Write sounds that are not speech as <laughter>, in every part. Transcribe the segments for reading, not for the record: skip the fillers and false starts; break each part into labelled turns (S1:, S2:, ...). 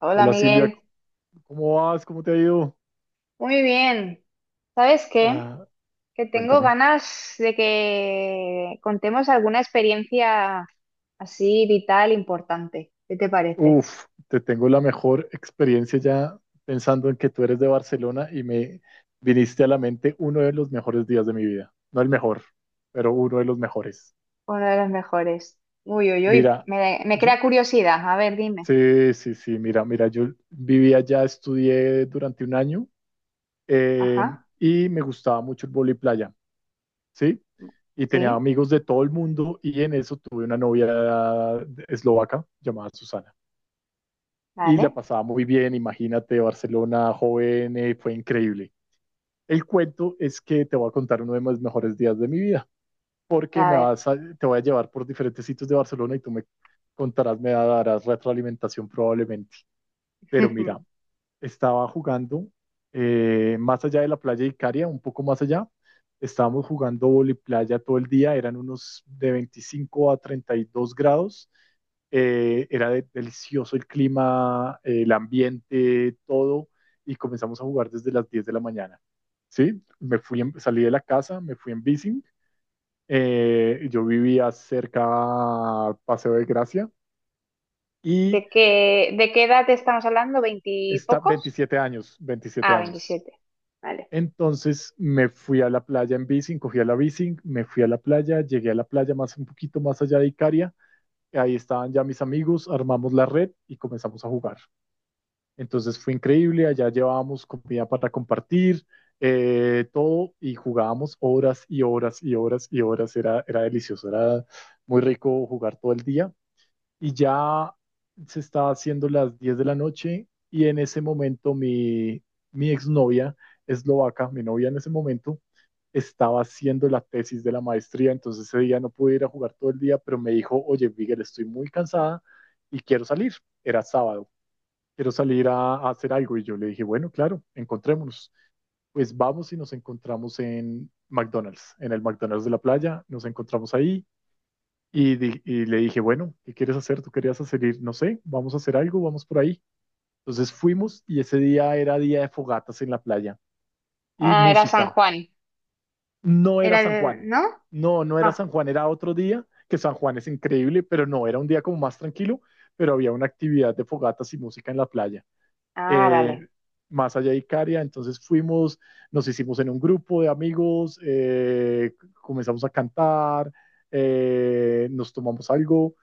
S1: Hola
S2: Hola Silvia,
S1: Miguel,
S2: ¿cómo vas? ¿Cómo te ha ido?
S1: muy bien. ¿Sabes qué?
S2: Ah,
S1: Que tengo
S2: cuéntame.
S1: ganas de que contemos alguna experiencia así vital, importante. ¿Qué te parece?
S2: Uf, te tengo la mejor experiencia ya pensando en que tú eres de Barcelona y me viniste a la mente uno de los mejores días de mi vida. No el mejor, pero uno de los mejores.
S1: Una de las mejores. Uy, uy, uy,
S2: Mira,
S1: me
S2: yo-
S1: crea curiosidad. A ver, dime.
S2: sí, sí, sí, mira, mira, yo viví allá, estudié durante un año, eh,
S1: Ajá,
S2: y me gustaba mucho el vóley playa, ¿sí? Y tenía
S1: sí,
S2: amigos de todo el mundo y en eso tuve una novia eslovaca llamada Susana. Y la
S1: vale.
S2: pasaba muy bien. Imagínate, Barcelona joven, fue increíble. El cuento es que te voy a contar uno de mis mejores días de mi vida, porque
S1: A ver.
S2: te voy a llevar por diferentes sitios de Barcelona y tú me contarás, me darás retroalimentación probablemente. Pero mira,
S1: <laughs>
S2: estaba jugando más allá de la playa de Icaria, un poco más allá. Estábamos jugando voliplaya todo el día, eran unos de 25 a 32 grados. Era delicioso el clima, el ambiente, todo, y comenzamos a jugar desde las 10 de la mañana. Sí, me fui salí de la casa, me fui en bici. Yo vivía cerca a Paseo de Gracia y
S1: ¿De qué edad estamos hablando?
S2: está
S1: ¿Veintipocos? ¿Pocos?
S2: 27 años, 27
S1: Ah,
S2: años.
S1: veintisiete. Vale.
S2: Entonces me fui a la playa en bici, cogí a la bici, me fui a la playa, llegué a la playa más un poquito más allá de Icaria, ahí estaban ya mis amigos, armamos la red y comenzamos a jugar. Entonces fue increíble, allá llevábamos comida para compartir, todo, y jugábamos horas y horas y horas y horas, era, era delicioso, era muy rico jugar todo el día y ya se está haciendo las 10 de la noche, y en ese momento mi exnovia eslovaca, mi novia en ese momento, estaba haciendo la tesis de la maestría, entonces ese día no pude ir a jugar todo el día, pero me dijo, oye, Miguel, estoy muy cansada y quiero salir. Era sábado, quiero salir a hacer algo, y yo le dije, bueno, claro, encontrémonos. Pues vamos, y nos encontramos en McDonald's, en el McDonald's de la playa, nos encontramos ahí y le dije, bueno, ¿qué quieres hacer? ¿Tú querías hacer ir? No sé, vamos a hacer algo, vamos por ahí. Entonces fuimos, y ese día era día de fogatas en la playa y
S1: Ah, era San
S2: música.
S1: Juan.
S2: No era
S1: Era
S2: San
S1: el,
S2: Juan.
S1: ¿no?
S2: No, no era
S1: No.
S2: San Juan, era otro día, que San Juan es increíble, pero no, era un día como más tranquilo, pero había una actividad de fogatas y música en la playa.
S1: Ah, vale.
S2: Eh, Más allá de Icaria, entonces fuimos, nos hicimos en un grupo de amigos, comenzamos a cantar, nos tomamos algo.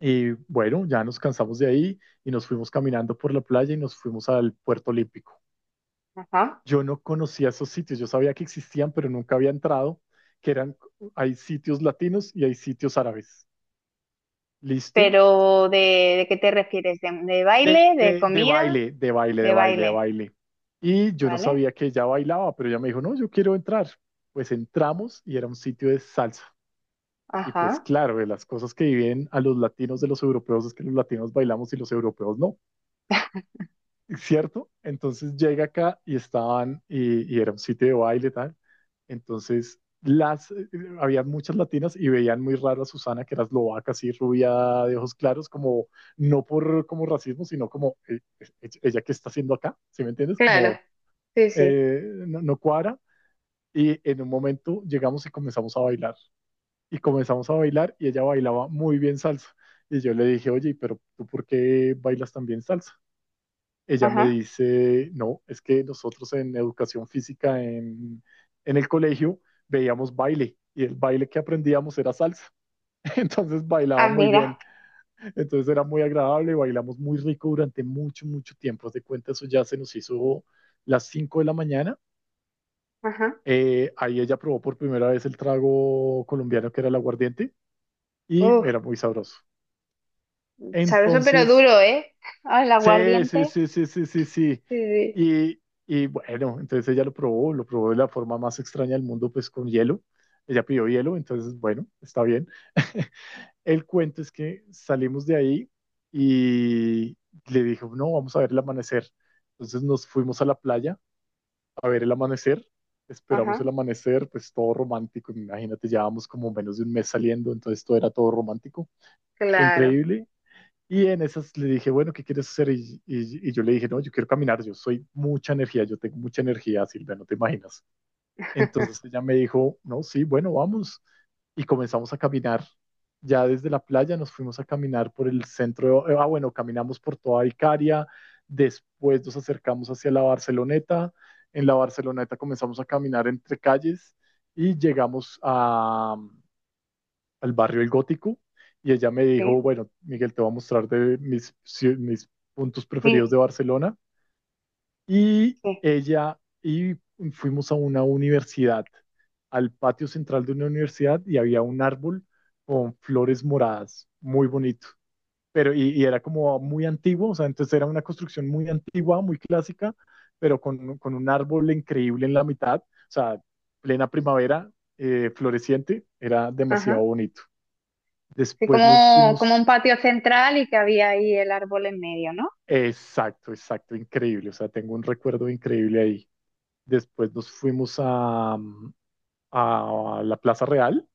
S2: Y bueno, ya nos cansamos de ahí y nos fuimos caminando por la playa y nos fuimos al Puerto Olímpico.
S1: Ajá.
S2: Yo no conocía esos sitios, yo sabía que existían, pero nunca había entrado, que eran, hay sitios latinos y hay sitios árabes. ¿Listo?
S1: Pero de qué te refieres? De
S2: De,
S1: baile? ¿De
S2: de, de
S1: comida?
S2: baile, de baile, de
S1: De
S2: baile, de
S1: baile,
S2: baile. Y yo no
S1: ¿vale?
S2: sabía que ella bailaba, pero ella me dijo, no, yo quiero entrar. Pues entramos y era un sitio de salsa. Y pues
S1: Ajá,
S2: claro, de las cosas que viven a los latinos de los europeos es que los latinos bailamos y los europeos no. ¿Cierto? Entonces llega acá y estaban, y era un sitio de baile tal. Entonces, las, eh, Había muchas latinas y veían muy raro a Susana, que era eslovaca, así rubia, de ojos claros, como, no por como racismo, sino como, ella qué está haciendo acá, ¿sí me entiendes?
S1: claro, sí, sí.
S2: No, no cuadra. Y en un momento llegamos y comenzamos a bailar. Y comenzamos a bailar y ella bailaba muy bien salsa. Y yo le dije, oye, pero ¿tú por qué bailas tan bien salsa? Ella me
S1: Ajá.
S2: dice, no, es que nosotros en educación física en el colegio veíamos baile y el baile que aprendíamos era salsa. <laughs> Entonces
S1: Ah,
S2: bailaba muy
S1: mira,
S2: bien, entonces era muy agradable, bailamos muy rico durante mucho, mucho tiempo. Haz de cuenta, eso ya se nos hizo las 5 de la mañana.
S1: ajá.
S2: Ahí ella probó por primera vez el trago colombiano que era el aguardiente, y
S1: Uf,
S2: era muy sabroso.
S1: sabroso pero
S2: Entonces
S1: duro, ¿eh? Ah, el
S2: sí, sí,
S1: aguardiente.
S2: sí, sí, sí, sí, sí.
S1: Sí, sí,
S2: Y, y bueno, entonces ella lo probó de la forma más extraña del mundo, pues con hielo. Ella pidió hielo, entonces bueno, está bien. <laughs> El cuento es que salimos de ahí y le dijo, no, vamos a ver el amanecer. Entonces nos fuimos a la playa a ver el amanecer, esperamos
S1: ajá,
S2: el amanecer, pues todo romántico, imagínate, llevábamos como menos de un mes saliendo, entonces todo era todo romántico,
S1: claro.
S2: increíble, y en esas le dije, bueno, ¿qué quieres hacer? Y yo le dije, no, yo quiero caminar, yo soy mucha energía, yo tengo mucha energía, Silvia, no te imaginas. Entonces
S1: <laughs>
S2: ella me dijo, no, sí, bueno, vamos. Y comenzamos a caminar. Ya desde la playa nos fuimos a caminar por el centro, ah, bueno, caminamos por toda Icaria, después nos acercamos hacia la Barceloneta, en la Barceloneta comenzamos a caminar entre calles y llegamos a, al barrio El Gótico, y ella me
S1: Sí,
S2: dijo, bueno, Miguel, te voy a mostrar de mis, mis puntos preferidos
S1: sí,
S2: de Barcelona. Y
S1: sí,
S2: ella, y fuimos a una universidad, al patio central de una universidad, y había un árbol con flores moradas, muy bonito. Pero, y era como muy antiguo, o sea, entonces era una construcción muy antigua, muy clásica, pero con un árbol increíble en la mitad, o sea, plena primavera, floreciente, era
S1: ajá.
S2: demasiado bonito.
S1: Sí,
S2: Después nos
S1: como, como un
S2: fuimos,
S1: patio central y que había ahí el árbol en medio, ¿no?
S2: exacto, exacto, increíble. O sea, tengo un recuerdo increíble ahí. Después nos fuimos a, a la Plaza Real.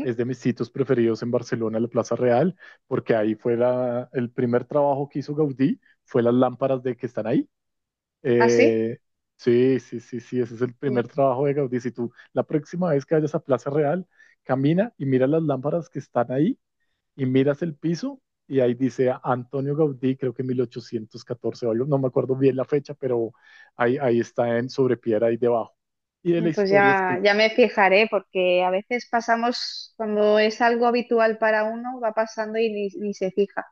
S2: Es de mis sitios preferidos en Barcelona, la Plaza Real, porque ahí fue el primer trabajo que hizo Gaudí, fue las lámparas de que están ahí.
S1: así.
S2: Eh, sí, sí, sí, sí, ese es el
S1: Sí.
S2: primer trabajo de Gaudí. Si tú la próxima vez que vayas a Plaza Real, camina y mira las lámparas que están ahí y miras el piso y ahí dice Antonio Gaudí, creo que 1814 o algo, no me acuerdo bien la fecha, pero ahí, ahí está en sobre piedra ahí debajo. Y de la
S1: Pues
S2: historia es
S1: ya,
S2: que
S1: ya me fijaré, porque a veces pasamos, cuando es algo habitual para uno, va pasando y ni se fija.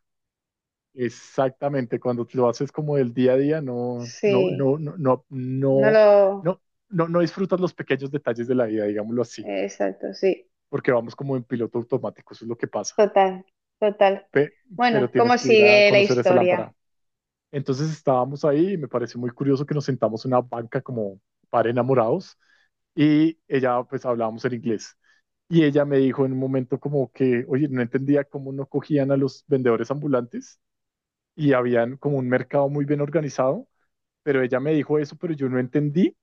S2: exactamente cuando lo haces como del día a día, no, no,
S1: Sí,
S2: no, no, no,
S1: no
S2: no,
S1: lo...
S2: no, no, no disfrutas los pequeños detalles de la vida, digámoslo así,
S1: Exacto, sí.
S2: porque vamos como en piloto automático, eso es lo que pasa.
S1: Total, total.
S2: Pe-
S1: Bueno,
S2: pero tienes
S1: ¿cómo
S2: que ir a
S1: sigue la
S2: conocer esa
S1: historia?
S2: lámpara. Entonces estábamos ahí y me pareció muy curioso que nos sentamos en una banca como para enamorados, y ella, pues hablábamos en inglés. Y ella me dijo en un momento como que, oye, no entendía cómo no cogían a los vendedores ambulantes y habían como un mercado muy bien organizado, pero ella me dijo eso, pero yo no entendí.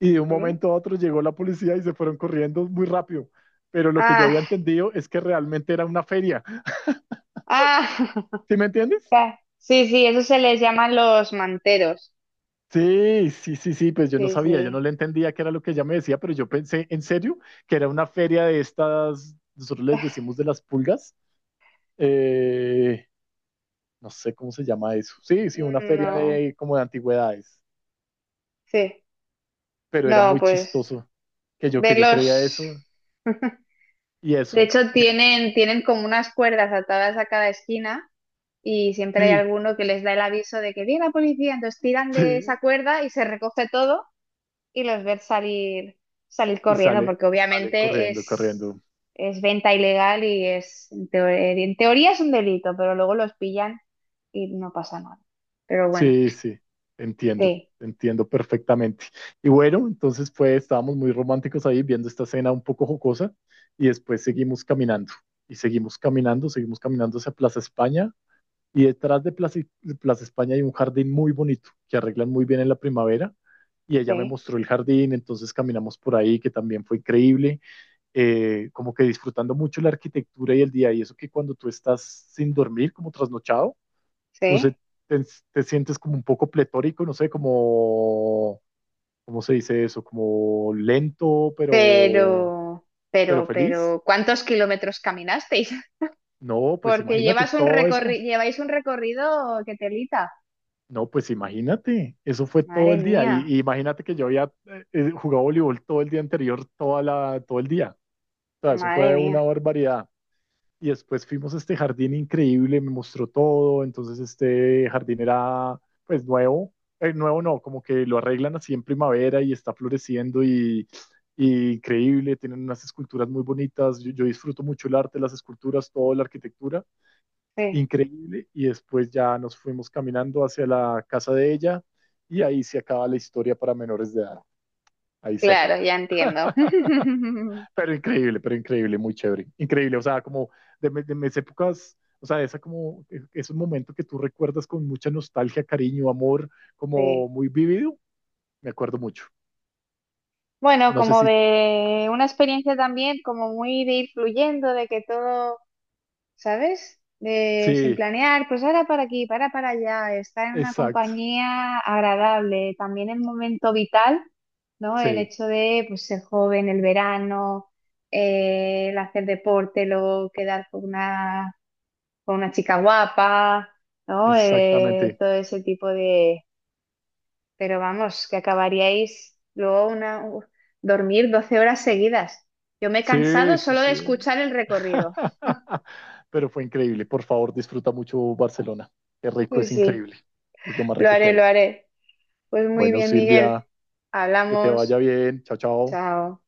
S2: Y de un
S1: ¿Sí?
S2: momento a otro llegó la policía y se fueron corriendo muy rápido. Pero lo que yo había
S1: Ah,
S2: entendido es que realmente era una feria.
S1: ah,
S2: ¿Sí me
S1: <laughs>
S2: entiendes?
S1: ca- sí, sí, eso se les llaman los manteros.
S2: Sí, sí, sí, sí, pues yo no
S1: Sí,
S2: sabía, yo no
S1: sí.
S2: le entendía qué era lo que ella me decía, pero yo pensé en serio que era una feria de estas, nosotros les decimos de las pulgas, eh, no sé cómo se llama eso. Sí, sí, una feria
S1: No,
S2: de como de antigüedades,
S1: sí.
S2: pero era
S1: No,
S2: muy
S1: pues
S2: chistoso que yo creía
S1: verlos.
S2: eso y
S1: De
S2: eso.
S1: hecho,
S2: Y ahí
S1: tienen como unas cuerdas atadas a cada esquina. Y siempre hay
S2: sí,
S1: alguno que les da el aviso de que viene la policía, entonces tiran de
S2: sí,
S1: esa cuerda y se recoge todo y los ves salir, salir
S2: y
S1: corriendo,
S2: sale,
S1: porque
S2: sale
S1: obviamente
S2: corriendo, corriendo.
S1: es venta ilegal y es, en teoría es un delito, pero luego los pillan y no pasa nada. Pero bueno,
S2: Sí, sí, entiendo,
S1: sí,
S2: entiendo perfectamente. Y bueno, entonces pues estábamos muy románticos ahí viendo esta escena un poco jocosa y después seguimos caminando, y seguimos caminando hacia Plaza España, y detrás de Plaza España hay un jardín muy bonito que arreglan muy bien en la primavera, y ella me
S1: sí,
S2: mostró el jardín, entonces caminamos por ahí que también fue increíble, como que disfrutando mucho la arquitectura y el día, y eso que cuando tú estás sin dormir, como trasnochado, pues
S1: sí,
S2: te, te sientes como un poco pletórico, no sé, como, ¿cómo se dice eso? Como lento,
S1: pero...
S2: pero feliz.
S1: Pero, ¿cuántos kilómetros caminasteis? <laughs>
S2: No, pues
S1: Porque
S2: imagínate todo eso.
S1: lleváis un recorrido que telita.
S2: No, pues imagínate, eso fue todo
S1: Madre
S2: el día.
S1: mía,
S2: Y imagínate que yo había jugado voleibol todo el día anterior, todo el día. O sea, eso
S1: madre
S2: fue una
S1: mía.
S2: barbaridad. Y después fuimos a este jardín increíble, me mostró todo, entonces este jardín era pues nuevo, nuevo no, como que lo arreglan así en primavera y está floreciendo, y increíble, tienen unas esculturas muy bonitas, yo disfruto mucho el arte, las esculturas, toda la arquitectura,
S1: Sí.
S2: increíble, y después ya nos fuimos caminando hacia la casa de ella, y ahí se acaba la historia para menores de edad, ahí se
S1: Claro,
S2: acaba.
S1: ya entiendo. <laughs>
S2: Pero increíble, muy chévere. Increíble, o sea, como de, de mis épocas, o sea, esa como, es un momento que tú recuerdas con mucha nostalgia, cariño, amor, como
S1: Sí.
S2: muy vivido, me acuerdo mucho.
S1: Bueno,
S2: No sé
S1: como
S2: si,
S1: de una experiencia también, como muy de ir fluyendo, de que todo, ¿sabes? De sin
S2: sí,
S1: planear, pues ahora para aquí, para allá, estar en una
S2: exacto,
S1: compañía agradable, también el momento vital, ¿no? El
S2: sí,
S1: hecho de pues, ser joven, el verano, el hacer deporte, luego quedar con una chica guapa, ¿no?
S2: exactamente.
S1: Todo ese tipo. Pero vamos, que acabaríais luego una, u- dormir 12 horas seguidas. Yo me he
S2: Sí,
S1: cansado
S2: sí,
S1: solo
S2: sí.
S1: de escuchar el recorrido.
S2: <laughs> Pero fue increíble, por favor, disfruta mucho Barcelona. Qué rico,
S1: Sí,
S2: es
S1: sí,
S2: increíble. Es lo más
S1: lo
S2: rico que
S1: haré, lo
S2: hay.
S1: haré. Pues muy
S2: Bueno,
S1: bien, Miguel.
S2: Silvia, que te vaya
S1: Hablamos.
S2: bien. Chao, chao.
S1: Chao.